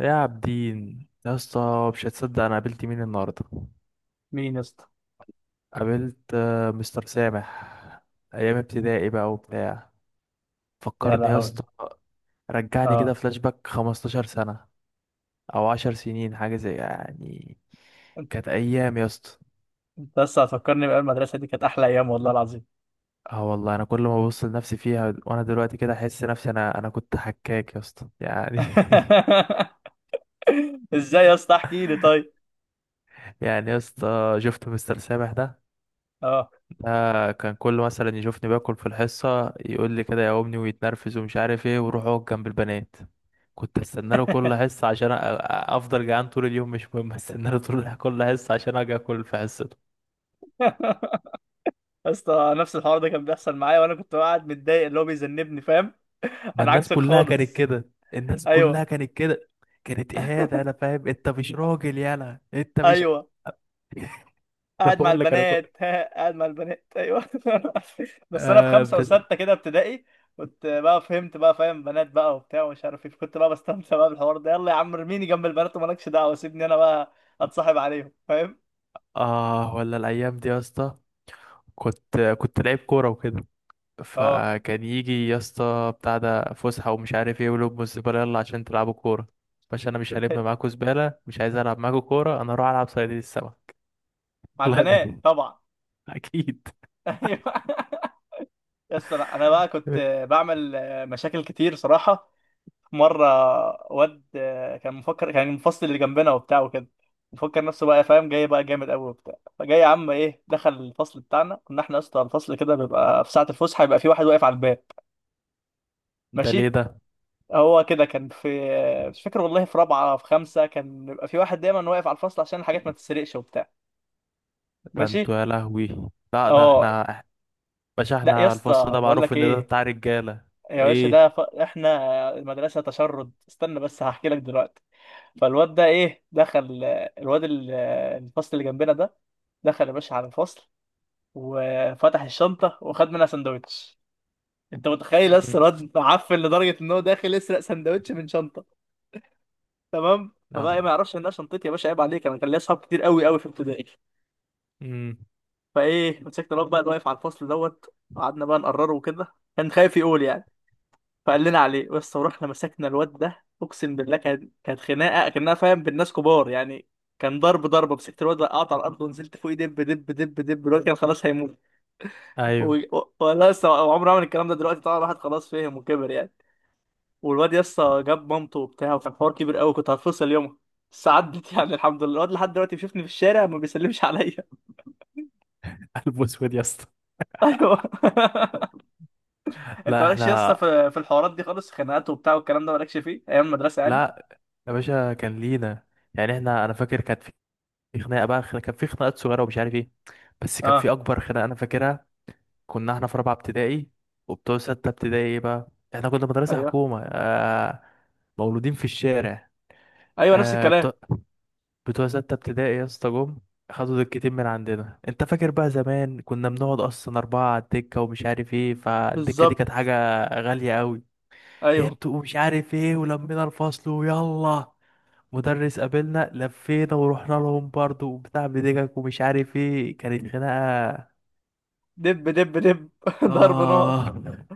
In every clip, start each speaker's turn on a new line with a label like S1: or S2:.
S1: يا عابدين يا اسطى، مش هتصدق انا قابلت مين النهارده.
S2: مين يا اسطى؟
S1: قابلت مستر سامح. ايام ابتدائي بقى وبتاع.
S2: يا
S1: فكرني يا
S2: لهوي.
S1: اسطى. رجعني كده
S2: اه.
S1: فلاش باك 15 سنه، او 10 سنين حاجه زي يعني.
S2: انت
S1: كانت ايام يا اسطى.
S2: أنت لسه هتفكرني بقى، المدرسه دي كانت احلى ايام والله العظيم.
S1: اه والله، انا كل ما ببص لنفسي فيها وانا دلوقتي كده احس نفسي انا كنت حكاك يا اسطى يعني
S2: ازاي يا اسطى؟ احكي لي طيب.
S1: يعني يا اسطى شفت مستر سامح ده.
S2: اه.
S1: كان كل مثلا يشوفني باكل في الحصة، يقول لي كده يا أمي ويتنرفز ومش عارف ايه، ويروح اقعد جنب البنات. كنت استنى له كل حصة عشان افضل جعان طول اليوم، مش مهم، استنى له طول كل حصة عشان اجي اكل في حصته.
S2: يا اسطى، نفس الحوار ده كان بيحصل معايا وانا كنت قاعد متضايق، اللي هو بيذنبني، فاهم.
S1: ما
S2: انا
S1: الناس
S2: عكسك
S1: كلها كانت
S2: خالص.
S1: كده، الناس كلها
S2: ايوه.
S1: كانت كده. كانت اهانة، انا فاهم انت مش راجل، يالا انت مش
S2: ايوه،
S1: انا
S2: قاعد مع
S1: بقول لك انا كنت
S2: البنات ها، قاعد مع البنات، ايوه. بس انا في
S1: آه,
S2: خمسه
S1: ب...
S2: وسته كده ابتدائي كنت بقى فهمت بقى، فاهم، بنات بقى وبتاع ومش عارف ايه، كنت بقى بستمتع بقى بالحوار ده، يلا يا عم ارميني جنب البنات ومالكش دعوه، سيبني انا بقى اتصاحب عليهم، فاهم.
S1: اه، ولا الايام دي يا اسطى. كنت لعيب كورة وكده.
S2: اه.
S1: فكان يجي يا اسطى بتاع ده فسحة ومش عارف ايه، ولب الزبالة يلا عشان تلعبوا كورة. باشا انا مش هلم معاكوا زبالة، مش عايز العب معاكوا كورة، انا اروح العب صيادين السمك.
S2: مع
S1: الله
S2: البنات
S1: يبارك.
S2: طبعا.
S1: اكيد.
S2: ايوه، يس. لا انا بقى كنت بعمل مشاكل كتير صراحه. مره واد كان مفكر، كان المفصل اللي جنبنا وبتاع وكده، مفكر نفسه بقى، فاهم، جاي بقى جامد قوي وبتاع. فجاي يا عم، ايه، دخل الفصل بتاعنا. كنا احنا اصلا الفصل كده بيبقى في ساعه الفسحه يبقى في واحد واقف على الباب
S1: ده ليه
S2: ماشي.
S1: ده؟
S2: هو كده كان في، مش فاكر والله، في رابعه في خمسه، كان بيبقى في واحد دايما واقف على الفصل عشان الحاجات ما تتسرقش وبتاع.
S1: ده انتوا
S2: ماشي.
S1: يا لهوي. لا ده
S2: اه.
S1: احنا باشا،
S2: لا يا
S1: احنا الفصل
S2: اسطى،
S1: ده
S2: بقول
S1: معروف
S2: لك
S1: ان ده
S2: ايه،
S1: بتاع رجالة.
S2: يا باشا ده
S1: ايه.
S2: احنا مدرسه تشرد، استنى بس هحكي لك دلوقتي. فالواد ده، ايه، دخل الواد ال- الفصل اللي جنبنا ده، دخل يا باشا على الفصل وفتح الشنطه وخد منها سندوتش. انت متخيل لسه
S1: مم.
S2: الواد معفن لدرجه ان هو داخل يسرق سندوتش من شنطه؟ تمام، فبقى إيه،
S1: لا.
S2: ما يعرفش انها شنطتي يا باشا، عيب عليك، انا كان ليا اصحاب كتير قوي قوي في ابتدائي.
S1: امم.
S2: فايه، مسكت الواد بقى اللي واقف على الفصل دوت، وقعدنا بقى نقرره وكده، كان خايف يقول يعني. فقال لنا عليه، بس ورحنا مسكنا الواد ده، اقسم بالله كانت خناقه كانها، فاهم، بالناس كبار يعني. كان ضرب ضربه، مسكت الواد وقعت على الارض ونزلت فوقيه، دب دب دب دب، الواد كان خلاص هيموت.
S1: ايوه.
S2: والله لسه عمره عمل الكلام ده، دلوقتي طبعا الواحد خلاص فهم وكبر يعني. والواد لسه جاب مامته وبتاع وكان حوار كبير قوي، كنت هتفصل يومها، بس عدت. يعني الحمد لله الواد لحد دلوقتي بيشوفني في الشارع ما بيسلمش عليا.
S1: قلب اسود يا اسطى.
S2: ايوه. انت
S1: لا
S2: مالكش لسه
S1: احنا.
S2: في الحوارات دي خالص، خناقات وبتاع والكلام ده مالكش فيه ايام المدرسه يعني.
S1: لا يا باشا كان لينا. يعني احنا، انا فاكر كانت في خناقه بقى، خناقة، كان في خناقات صغيره ومش عارف ايه، بس كان
S2: اه.
S1: في اكبر خناقه انا فاكرها. كنا احنا في رابعه ابتدائي، وبتوع سته ابتدائي ايه بقى. احنا كنا مدرسه
S2: ايوه.
S1: حكومه آه. مولودين في الشارع.
S2: ايوه، نفس
S1: آه
S2: الكلام.
S1: بتوع، بتوع سته ابتدائي يا اسطى جم، خدوا دكتين من عندنا. انت فاكر بقى زمان كنا بنقعد اصلا اربعه على الدكه ومش عارف ايه، فالدكه دي كانت
S2: بالظبط.
S1: حاجه غاليه قوي.
S2: ايوه.
S1: انتوا مش عارف ايه، ولمينا الفصل ويلا. مدرس قابلنا لفينا ورحنا لهم برضو وبتاع بدقك ومش عارف ايه، كانت خناقة.
S2: دب دب دب. ضرب نار.
S1: اه.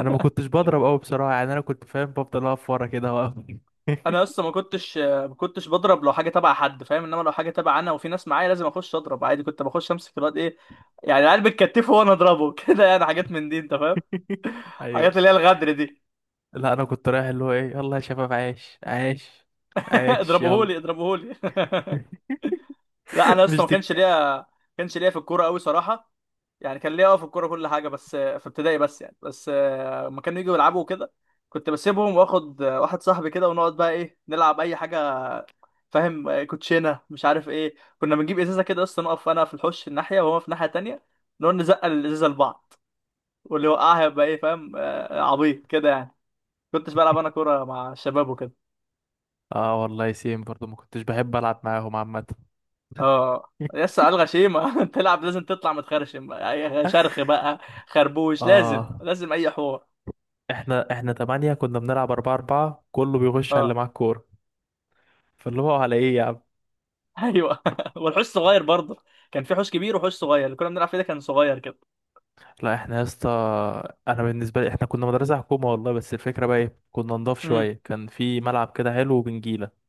S1: انا ما كنتش بضرب قوي بصراحة يعني، انا كنت فاهم بفضل اقف ورا كده واقف
S2: انا اصلا ما كنتش بضرب لو حاجه تبع حد، فاهم، انما لو حاجه تبع انا وفي ناس معايا لازم اخش اضرب عادي. كنت بخش امسك الواد ايه، يعني العيال بتكتفه وانا اضربه كده يعني حاجات من دي انت فاهم،
S1: ايوه.
S2: حاجات اللي هي الغدر دي.
S1: لا انا كنت رايح اللي هو ايه يلا يا شباب، عايش عايش عايش يلا
S2: اضربوهولي، اضربوهولي. لا انا اصلا
S1: مش
S2: ما كانش
S1: دك.
S2: ليا ما كانش ليا في الكوره قوي صراحه. يعني كان ليا اه في الكوره كل حاجه بس في ابتدائي بس يعني، بس لما كانوا يجوا يلعبوا كده كنت بسيبهم، واخد واحد صاحبي كده ونقعد بقى ايه نلعب اي حاجه، فاهم، كوتشينه مش عارف ايه. كنا بنجيب ازازه كده اصلا، نقف انا في الحوش الناحيه وهو في الناحيه التانيه، نقعد نزقل الازازه لبعض، واللي وقعها يبقى ايه، فاهم، عبيط كده يعني. كنتش بلعب انا كوره مع الشباب وكده.
S1: اه والله سيم برضو، ما كنتش بحب العب معاهم عامة
S2: اه، يس على الغشيمه. تلعب لازم تطلع متخرشم، أي شرخ بقى، خربوش، لازم
S1: اه.
S2: لازم اي حوار.
S1: احنا تمانية كنا بنلعب اربعة اربعة، كله بيغش على اللي
S2: اه.
S1: معاه الكورة. فاللي هو على ايه يا.
S2: ايوه. والحوش صغير برضه. كان في حوش كبير وحوش صغير، اللي كنا بنلعب فيه ده كان صغير.
S1: لا احنا يا اسطى، انا بالنسبه لي احنا كنا مدرسه حكومه والله، بس الفكره بقى ايه، كنا نضاف
S2: كده.
S1: شويه، كان في ملعب كده حلو وبنجيله.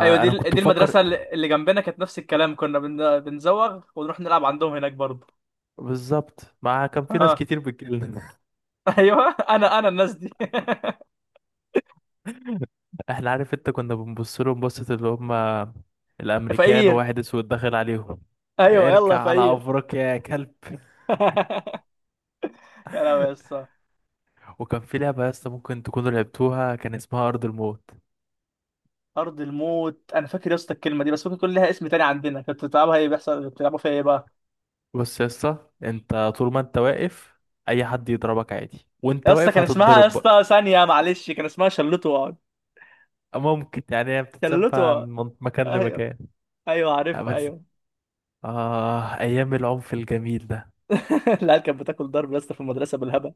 S2: ايوه، دي
S1: كنت
S2: دي
S1: بفكر.
S2: المدرسه اللي جنبنا كانت نفس الكلام، كنا بنزوغ ونروح نلعب عندهم هناك برضه.
S1: بالظبط، ما كان في ناس
S2: اه.
S1: كتير بتجيلنا
S2: ايوه، انا الناس دي.
S1: احنا عارف انت، كنا بنبص لهم بصه، اللي هم الامريكان
S2: فقير.
S1: وواحد اسود داخل عليهم.
S2: ايوه،
S1: اركع
S2: يلا
S1: على
S2: فقير.
S1: افريقيا يا كلب.
S2: يا لهوي يا اسطى.
S1: وكان في لعبه يا اسطى ممكن تكونوا لعبتوها، كان اسمها ارض الموت.
S2: ارض الموت، انا فاكر يا اسطى الكلمه دي، بس ممكن يكون لها اسم تاني عندنا. كنت بتلعبها ايه، بيحصل بتلعبوا فيها ايه بقى؟
S1: بص يا اسطى، انت طول ما انت واقف، اي حد يضربك عادي وانت
S2: يا اسطى
S1: واقف
S2: كان اسمها، يا
S1: هتتضرب بقى.
S2: اسطى ثانيه معلش، كان اسمها شلوته واقعد.
S1: ممكن يعني، هي
S2: شلوته
S1: بتتسبع
S2: وأقعد.
S1: مكان
S2: ايوه.
S1: لمكان.
S2: ايوه، عارفها،
S1: بس
S2: ايوه.
S1: أيام العنف الجميل ده.
S2: العيال كانت بتاكل ضرب يا اسطى في المدرسه بالهبل.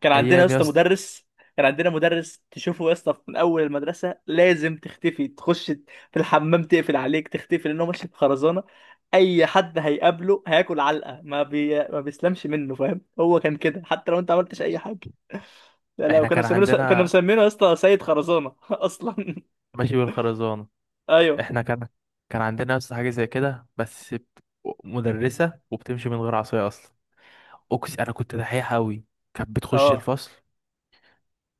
S2: كان عندنا يا
S1: أيام يا
S2: اسطى
S1: اسطى.
S2: مدرس، كان عندنا مدرس تشوفه يا اسطى من اول المدرسه لازم تختفي، تخش في الحمام تقفل عليك تختفي، لانه ماشي بخرزانه. اي حد هيقابله هياكل علقه، ما بيسلمش منه، فاهم. هو كان كده حتى لو انت عملتش اي حاجه. لا لا،
S1: إحنا
S2: كانوا
S1: كان
S2: مسمينه س... كانوا
S1: عندنا
S2: مسمينه يا اسطى سيد خرزانه اصلا.
S1: ماشي بالخرزانة.
S2: ايوه.
S1: إحنا كان، كان عندنا يا اسطى حاجة زي كده بس مدرسة، وبتمشي من غير عصاية أصلا. أقسم أنا كنت دحيح أوي. كانت بتخش
S2: اه.
S1: الفصل،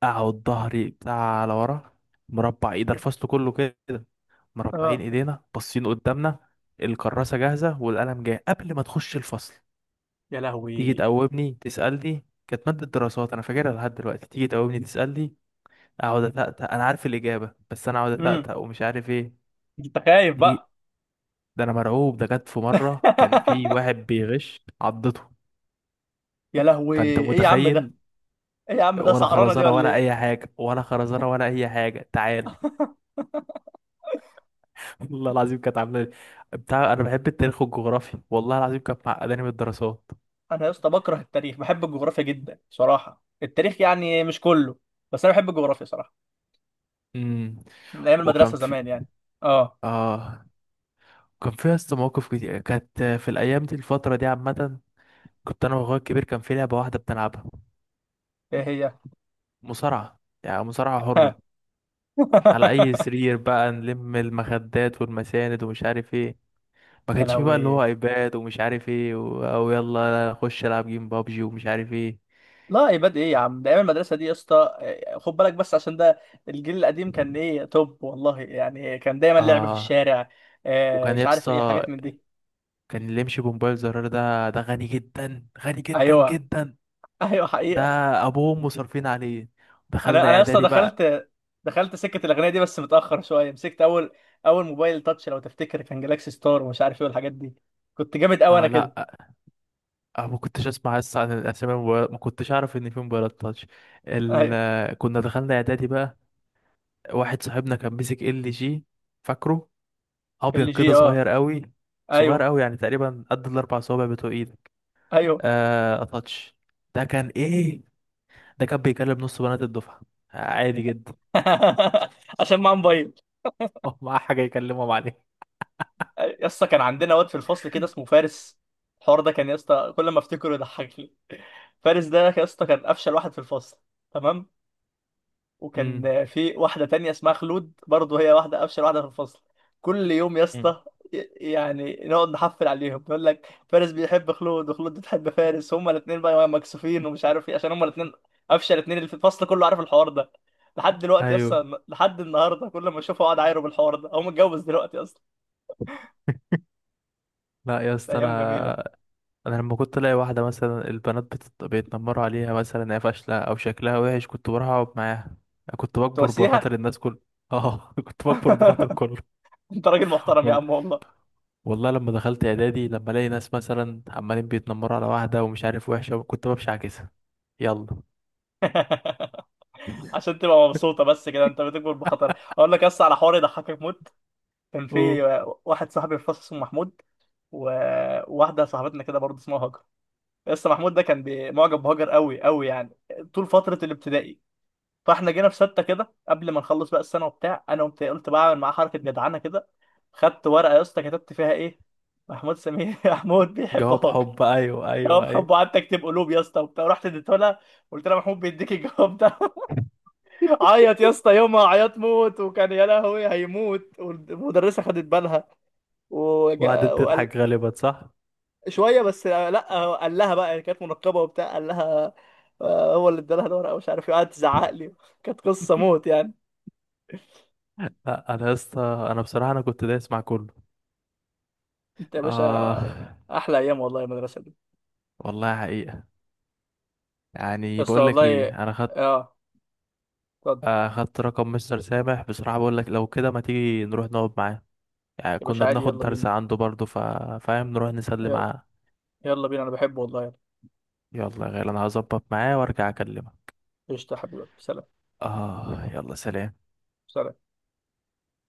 S1: أقعد ظهري بتاع على ورا، مربع إيد الفصل كله كده، مربعين
S2: اه.
S1: إيدينا باصين قدامنا، الكراسة جاهزة والقلم جاي قبل ما تخش الفصل.
S2: يا
S1: تيجي
S2: لهوي.
S1: تقومني تسألني، كانت مادة دراسات أنا فاكرها لحد دلوقتي، تيجي تقومني تسألني، أقعد أتأتأ أنا عارف الإجابة بس أنا أقعد
S2: امم
S1: أتأتأ ومش عارف إيه.
S2: انت خايف
S1: دي،
S2: بقى.
S1: ده أنا مرعوب. ده جت في مرة كان في واحد بيغش عضته.
S2: يا لهوي،
S1: فأنت
S2: ايه يا عم ده؟
S1: متخيل.
S2: ايه يا عم ده،
S1: ولا
S2: سعرانه دي
S1: خرزانة
S2: ولا
S1: ولا
S2: ايه؟
S1: أي حاجة، ولا خرزانة ولا أي حاجة، تعال والله العظيم كانت عاملة لي- بتاع، أنا بحب التاريخ والجغرافيا والله العظيم، كانت معقداني من الدراسات.
S2: انا يا اسطى بكره التاريخ، بحب الجغرافيا جدا صراحه. التاريخ يعني مش كله، بس انا بحب الجغرافيا صراحه،
S1: امم.
S2: من ايام
S1: وكان
S2: المدرسه
S1: في
S2: زمان يعني. اه.
S1: آه كان فيها اسطى مواقف كتير، كانت في الأيام دي الفترة دي عامة. كنت انا واخويا الكبير كان في لعبه واحده بنلعبها،
S2: ايه هي؟
S1: مصارعه يعني مصارعه حره، على اي سرير بقى نلم المخدات والمساند ومش عارف ايه. ما
S2: يا
S1: كانش في بقى اللي هو
S2: لهوي.
S1: ايباد ومش عارف ايه او يلا خش العب جيم بابجي ومش عارف ايه.
S2: لا، عباد ايه يا عم ده، ايام المدرسه دي يا اسطى، إيه، خد بالك بس عشان ده الجيل القديم، كان ايه، توب والله يعني، كان دايما لعب في
S1: اه.
S2: الشارع،
S1: وكان
S2: مش عارف ايه
S1: يسطا،
S2: حاجات من دي.
S1: كان اللي يمشي بموبايل زرار ده غني جدا، غني جدا
S2: ايوه.
S1: جدا.
S2: ايوه،
S1: ده
S2: حقيقه.
S1: ابوهم مصرفين عليه.
S2: انا
S1: دخلنا
S2: انا اصلا
S1: اعدادي بقى.
S2: دخلت سكه الاغنيه دي بس متاخر شويه. مسكت اول، اول موبايل تاتش لو تفتكر كان جالاكسي ستار ومش عارف ايه والحاجات دي، كنت جامد قوي
S1: اه
S2: انا كده.
S1: لا. اه ما كنتش اسمع لسه عن الاسامي، ما كنتش اعرف ان في موبايلات تاتش.
S2: ايوه.
S1: كنا دخلنا اعدادي بقى. واحد صاحبنا كان مسك ال جي. فاكره، ابيض
S2: ال
S1: كده
S2: جي، اه.
S1: صغير قوي، صغير
S2: ايوه.
S1: قوي يعني تقريبا قد الاربع صوابع بتوع ايدك.
S2: ايوه.
S1: آه تاتش. ده كان ايه، ده كان بيكلم نص بنات الدفعه، عادي جدا
S2: عشان معاه موبايل.
S1: معاه حاجة يكلمهم عليها.
S2: يا اسطى كان عندنا واد في الفصل كده اسمه فارس. الحوار ده كان يا اسطى كل ما افتكره يضحكني. فارس ده يا اسطى كان افشل واحد في الفصل، تمام،
S1: امم.
S2: وكان في واحدة تانية اسمها خلود برضه، هي واحدة أفشل واحدة في الفصل. كل يوم يا اسطى ي- يعني نقعد نحفل عليهم، يقول لك فارس بيحب خلود وخلود بتحب فارس، هما الاتنين بقى مكسوفين ومش عارف ايه عشان هما الاتنين أفشل اتنين اللي في الفصل كله، عارف الحوار ده. لحد دلوقتي
S1: ايوه
S2: اصلا، لحد النهارده كل ما اشوفه اقعد اعايره بالحوار ده، هو متجوز دلوقتي اصلا.
S1: لا يا
S2: ده
S1: اسطى
S2: ايام
S1: انا،
S2: جميله.
S1: انا لما كنت الاقي واحده مثلا البنات بيتنمروا عليها مثلا هي فاشله او شكلها وحش، كنت بروح اقعد معاها. كنت بكبر بخاطر
S2: تواسيها.
S1: الناس كل. اه كنت بكبر بخاطر كله.
S2: انت راجل محترم يا
S1: والله،
S2: عم والله.
S1: والله لما دخلت اعدادي، لما الاقي ناس مثلا عمالين بيتنمروا على واحده ومش عارف وحشه، كنت بمشي عكسها. يلا.
S2: عشان تبقى مبسوطه بس كده، انت بتكبر بخطر. اقول لك بس على حوار يضحكك موت. كان في
S1: اوه.
S2: واحد صاحبي في الفصل اسمه محمود، وواحدة صاحبتنا كده برضه اسمها هاجر. لسه محمود ده كان معجب بهاجر قوي قوي يعني، طول فترة الابتدائي. فاحنا جينا في ستة كده قبل ما نخلص بقى السنة وبتاع، انا قمت قلت بعمل معاه حركة جدعانة كده، خدت ورقة يا اسطى كتبت فيها ايه، محمود سمير محمود بيحب
S1: جواب
S2: هاجر.
S1: حب، ايوه ايوه
S2: جواب حبه،
S1: ايوه.
S2: قعدت اكتب قلوب يا اسطى وبتاع، رحت اديته لها، قلت لها محمود بيديك الجواب ده. عيط يا اسطى يومها، عيط موت، وكان يا لهوي هيموت، والمدرسة خدت بالها
S1: وقعدت
S2: وقال
S1: تضحك غالبا صح.
S2: شويه بس. لا هو قال لها بقى يعني، كانت منقبه وبتاع، قال لها هو اللي ادالها الورقه مش عارف ايه، قعدت تزعق لي. كانت قصه موت يعني.
S1: لا انا يا اسطى، انا بصراحه انا كنت دايس مع كله.
S2: انت يا باشا.
S1: اه.
S2: احلى ايام والله المدرسه دي.
S1: والله حقيقه. يعني
S2: بس
S1: بقول لك
S2: والله.
S1: ايه، انا خدت،
S2: اه. اتفضل.
S1: اخدت رقم مستر سامح بصراحة، بقول لك لو كده ما تيجي نروح نقعد معاه، يعني
S2: يا باشا
S1: كنا
S2: عادي،
S1: بناخد
S2: يلا
S1: درس
S2: بينا.
S1: عنده برضه فاهم نروح نسلم
S2: يلا.
S1: معاه.
S2: يلا بينا، انا بحبه والله، يلا.
S1: يلا يا غالي، انا هظبط معاه وارجع اكلمك.
S2: قشطه يا حبيبي، سلام.
S1: اه يلا، سلام.
S2: سلام.